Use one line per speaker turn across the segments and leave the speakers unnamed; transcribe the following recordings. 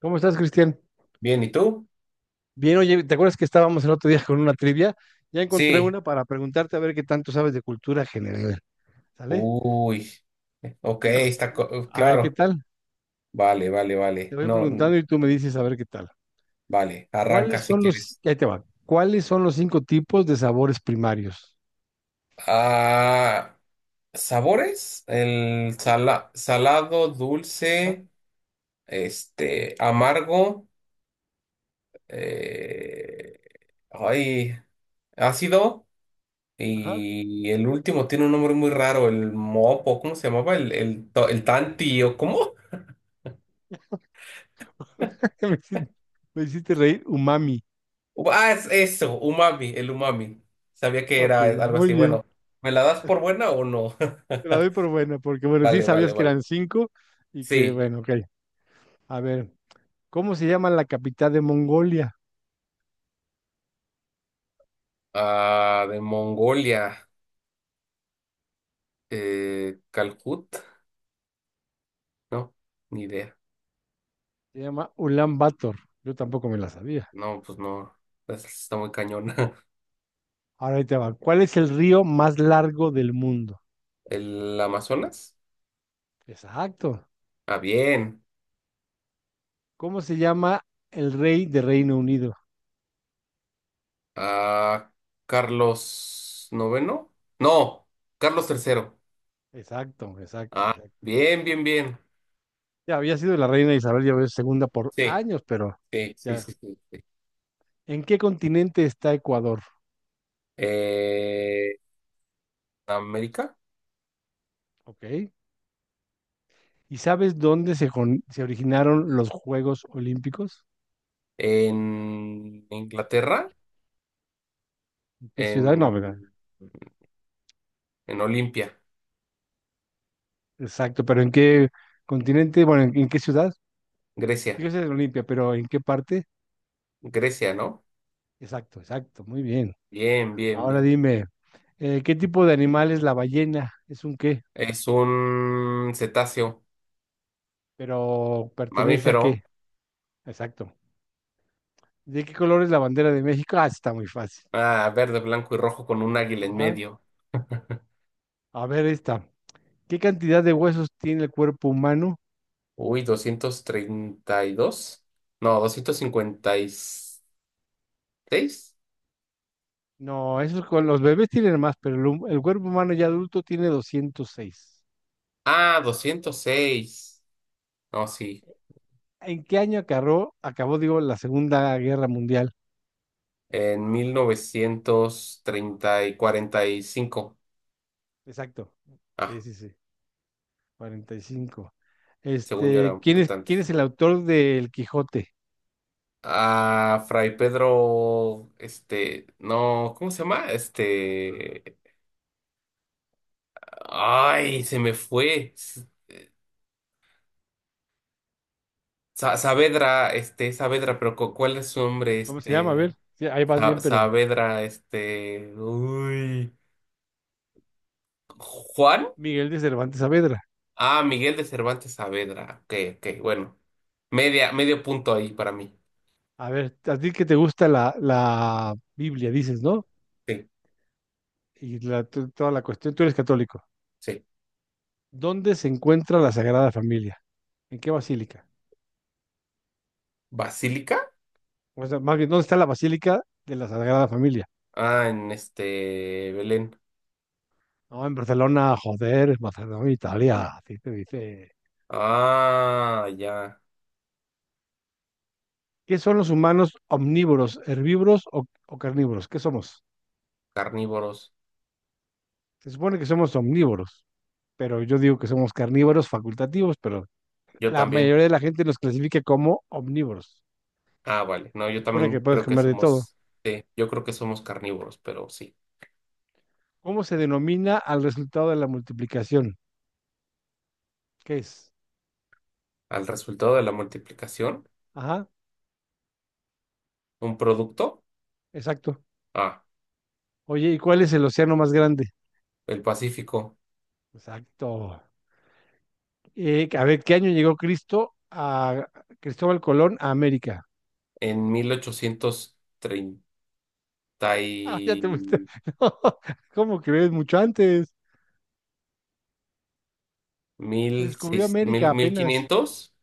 ¿Cómo estás, Cristian?
Bien, ¿y tú?
Bien, oye, ¿te acuerdas que estábamos el otro día con una trivia? Ya encontré
Sí.
una para preguntarte a ver qué tanto sabes de cultura general. ¿Sale?
Uy. Ok,
Venga. A ver qué
claro.
tal.
Vale, vale,
Te
vale.
voy
No,
preguntando y tú me dices a ver qué tal.
vale. Arranca si quieres.
Ahí te va. ¿Cuáles son los cinco tipos de sabores primarios?
Ah, ¿sabores? El
Sabores.
salado,
Ajá,
dulce, este, amargo, eh, ay, ácido.
ajá.
Y el último tiene un nombre muy raro, el mopo, ¿cómo se llamaba? El, el tanti, ¿o cómo?
Me hiciste, me hiciste reír. Umami.
Ah, es eso, umami, el umami. Sabía que
Ok,
era algo
muy
así.
bien.
Bueno, ¿me la das por buena o no?
Te la doy por buena, porque bueno, sí
Vale,
sabías
vale,
que
vale.
eran cinco y que,
Sí.
bueno, ok. A ver, ¿cómo se llama la capital de Mongolia?
Ah, de Mongolia. Calcut. No, ni idea.
Se llama Ulan Bator. Yo tampoco me la sabía.
No, pues no. Está muy cañón.
Ahora ahí te va. ¿Cuál es el río más largo del mundo?
¿El Amazonas?
Exacto.
Ah, bien.
¿Cómo se llama el rey de Reino Unido?
Ah, Carlos IX. No, Carlos III.
Exacto, exacto,
Ah,
exacto.
bien, bien, bien.
Ya había sido la reina Isabel ya ves, segunda por
Sí,
años, pero
sí, sí,
ya.
sí, sí. Sí.
¿En qué continente está Ecuador?
Eh, ¿América?
¿Ok? ¿Y sabes dónde se originaron los Juegos Olímpicos?
En Inglaterra,
¿En qué ciudad? No,
en,
¿verdad?
en Olimpia,
Exacto, pero ¿en qué continente? Bueno, ¿en qué ciudad?
Grecia,
Fíjese en Olimpia, pero ¿en qué parte?
Grecia, ¿no?
Exacto, exacto, muy bien.
Bien, bien,
Ahora
bien.
dime, ¿qué tipo de animal es la ballena? ¿Es un qué?
Es un cetáceo,
Pero ¿pertenece a
mamífero,
qué? Exacto. ¿De qué color es la bandera de México? Ah, está muy fácil.
ah, verde, blanco y rojo con un águila en
Ajá.
medio.
A ver esta. ¿Qué cantidad de huesos tiene el cuerpo humano?
Uy, 232. No, 256.
No, esos con los bebés tienen más, pero el cuerpo humano ya adulto tiene 206.
Ah, 206. No, sí.
¿En qué año acabó, digo, la Segunda Guerra Mundial?
En 1930 y 45.
Exacto. Sí,
Ah,
sí, sí. 45.
según yo era
Este,
un
¿quién es,
poquito
quién
antes.
es el autor del Quijote?
A Fray Pedro, este, no, ¿cómo se llama? Este, ay, se me fue. Saavedra, este, Saavedra, pero ¿cuál es su nombre?
¿Cómo se llama? A ver,
Este,
sí, ahí vas bien, pero
Saavedra, este, uy, Juan.
Miguel de Cervantes Saavedra.
Ah, Miguel de Cervantes Saavedra. Ok, ok, bueno. Media, medio punto ahí para mí.
A ver, a ti que te gusta la Biblia, dices, ¿no?
Sí,
Y toda la cuestión, tú eres católico.
sí.
¿Dónde se encuentra la Sagrada Familia? ¿En qué basílica?
¿Basílica?
O sea, más bien, ¿dónde está la Basílica de la Sagrada Familia?
Ah, en este, Belén.
No, en Barcelona, joder, en Barcelona, Italia, así te dice.
Ah, ya.
¿Qué son los humanos, omnívoros, herbívoros o carnívoros? ¿Qué somos?
Carnívoros.
Se supone que somos omnívoros, pero yo digo que somos carnívoros facultativos, pero
Yo
la
también.
mayoría de la gente los clasifica como omnívoros.
Ah, vale. No,
Se
yo
supone que
también
puedes
creo que
comer de todo.
somos, yo creo que somos carnívoros, pero sí.
¿Cómo se denomina al resultado de la multiplicación? ¿Qué es?
Al resultado de la multiplicación,
Ajá,
un producto.
exacto.
Ah,
Oye, ¿y cuál es el océano más grande?
el Pacífico.
Exacto. A ver, ¿qué año llegó Cristo a Cristóbal Colón a América?
En 1830
Ah, ya
y
te fuiste. No, ¿cómo crees? Mucho antes. Se descubrió América
mil
apenas.
quinientos.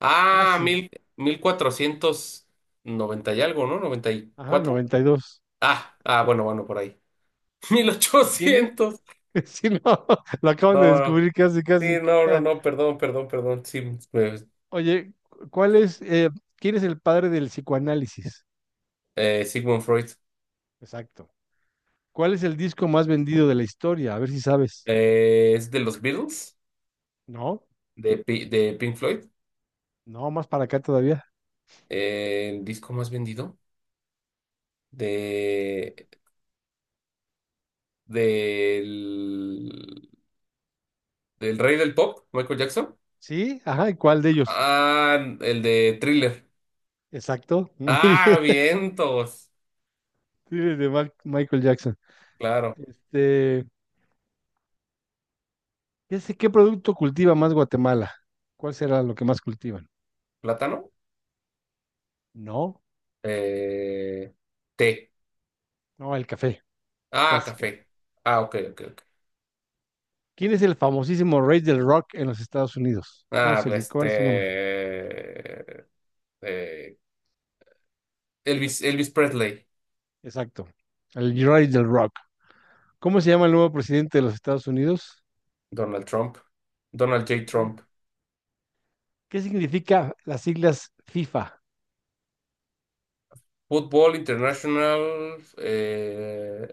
Ah,
Casi.
mil cuatrocientos noventa y algo, ¿no? Noventa y
Ajá,
cuatro.
92.
Ah, ah, bueno, bueno, por ahí. Mil
¿Quién es?
ochocientos.
Sí, no, lo acaban de
No, no,
descubrir casi,
sí,
casi.
no, no, no, perdón, perdón, perdón. Sí, pues,
Oye, ¿quién es el padre del psicoanálisis?
Sigmund Freud.
Exacto. ¿Cuál es el disco más vendido de la historia? A ver si sabes.
Es de los Beatles,
No,
de Pink Floyd.
no, más para acá todavía.
El disco más vendido de, del, del rey del pop, Michael Jackson.
Sí, ajá, ¿y cuál de ellos?
Ah, el de Thriller.
Exacto. Muy bien.
Ah, vientos.
Sí, de Michael Jackson.
Claro.
Este, ya sé qué producto cultiva más Guatemala. ¿Cuál será lo que más cultivan?
Plátano.
No,
Eh, Té.
no, el café,
Ah,
casi que.
café. Ah, ok, ok, ok.
¿Quién es el famosísimo rey del rock en los Estados Unidos?
Ah, pues,
¿Cuál es su nombre?
este, eh, Elvis, Elvis Presley.
Exacto. El rey del rock. ¿Cómo se llama el nuevo presidente de los Estados Unidos?
Donald Trump. Donald J.
Ok.
Trump.
¿Qué significa las siglas FIFA?
Fútbol International,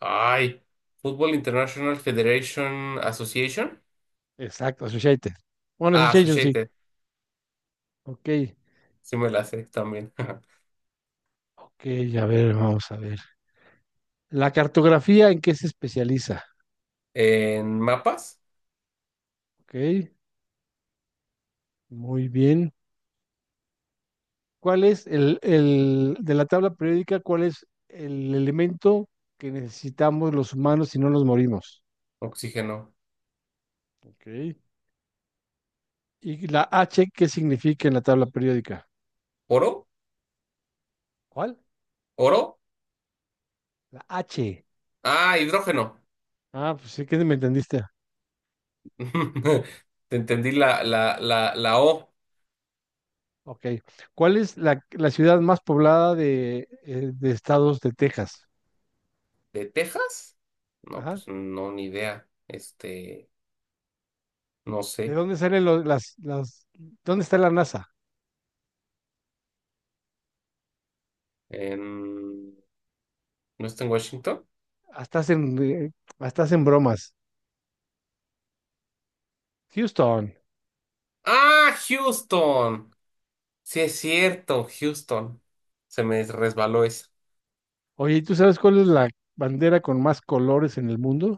ay, Fútbol International Federation Association.
Exacto, Associated. Bueno,
Ah,
Association, sí.
Associated.
Ok,
Sí me la sé también.
ok, a ver, vamos a ver. La cartografía, ¿en qué se especializa?
En mapas.
Ok, muy bien. ¿Cuál es el de la tabla periódica, cuál es el elemento que necesitamos los humanos si no nos morimos?
Oxígeno.
Ok. ¿Y la H qué significa en la tabla periódica?
Oro.
¿Cuál?
Oro.
La H.
Ah, hidrógeno.
Ah, pues sí que me entendiste.
Te entendí la O
Ok. ¿Cuál es la ciudad más poblada de estados de Texas?
de Texas. No,
Ajá.
pues no, ni idea. Este, no
¿De
sé.
dónde salen dónde está la NASA?
En, ¿No está en Washington?
Hasta hacen, eh, hasta hacen bromas. Houston.
Ah, Houston. Sí, es cierto, Houston. Se me resbaló esa.
Oye, ¿y tú sabes cuál es la bandera con más colores en el mundo?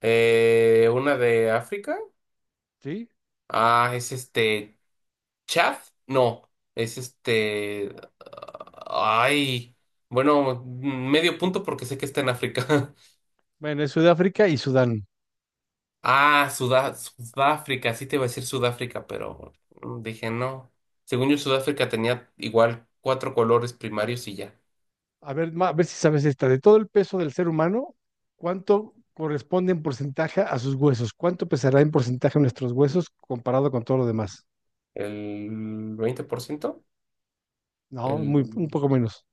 Una de África.
Sí.
Ah, es este. Chad. No, es este. Ay. Bueno, medio punto porque sé que está en África.
Bueno, es Sudáfrica y Sudán.
Ah, Sudáfrica. Sí te iba a decir Sudáfrica, pero dije no. Según yo, Sudáfrica tenía igual cuatro colores primarios y ya.
A ver, a ver si sabes esta. De todo el peso del ser humano, ¿cuánto corresponde en porcentaje a sus huesos? ¿Cuánto pesará en porcentaje nuestros huesos comparado con todo lo demás?
¿El 20%?
No, muy, un poco
El
menos.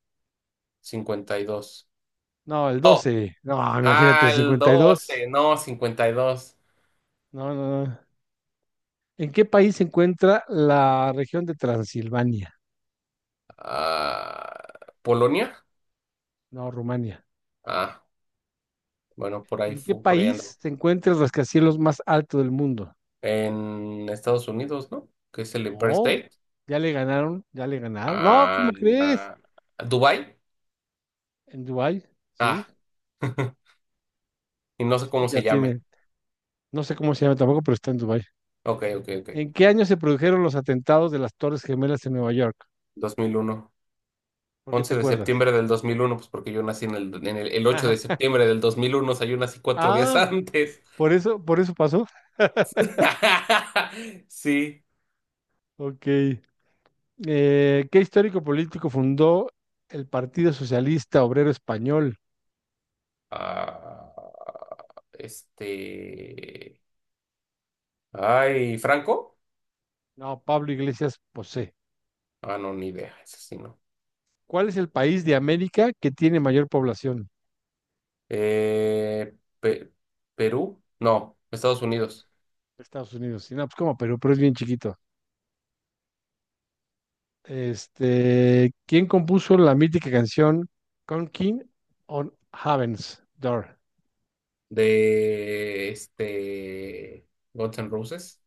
No, el
52.
12. No, imagínate, el
Al
52.
12 no, 52.
No, no, no. ¿En qué país se encuentra la región de Transilvania?
Ah, ¿Polonia?
No, Rumania.
Ah, bueno, por ahí
¿En qué
por ahí
país
ando.
se encuentra el rascacielos más alto del mundo?
En Estados Unidos, ¿no? Que es el Empire
No,
State.
ya le ganaron, ya le ganaron. No, ¿cómo
Ah,
crees?
Dubai.
En Dubái, sí,
Ah, y no sé
sí,
cómo
ya
se llame.
tiene. No sé cómo se llama tampoco, pero está en Dubái.
Ok, ok,
¿En
ok.
qué año se produjeron los atentados de las Torres Gemelas en Nueva York?
2001.
¿Por qué te
once de
acuerdas?
septiembre del 2001, pues porque yo nací el 8 de septiembre del 2001, o sea, yo nací 4 días
Ah,
antes.
por eso pasó.
Sí.
Ok. ¿Qué histórico político fundó el Partido Socialista Obrero Español?
Ah, este. Ay, ¿Franco?
No, Pablo Iglesias Posé.
Ah, no, ni idea. Ese sí no.
¿Cuál es el país de América que tiene mayor población?
Eh, Pe- ¿Perú? No, Estados Unidos.
Estados Unidos. Y no, pues como Perú, pero es bien chiquito. Este, ¿quién compuso la mítica canción Conking on Heaven's Door?
De este. Guns N' Roses.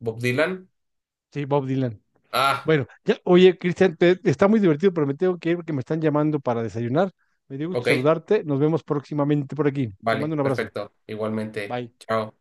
Bob Dylan.
Sí, Bob Dylan.
Ah,
Bueno, ya, oye, Cristian, está muy divertido, pero me tengo que ir porque me están llamando para desayunar. Me dio gusto
ok.
saludarte. Nos vemos próximamente por aquí. Te
Vale,
mando un abrazo.
perfecto. Igualmente.
Bye.
Chao.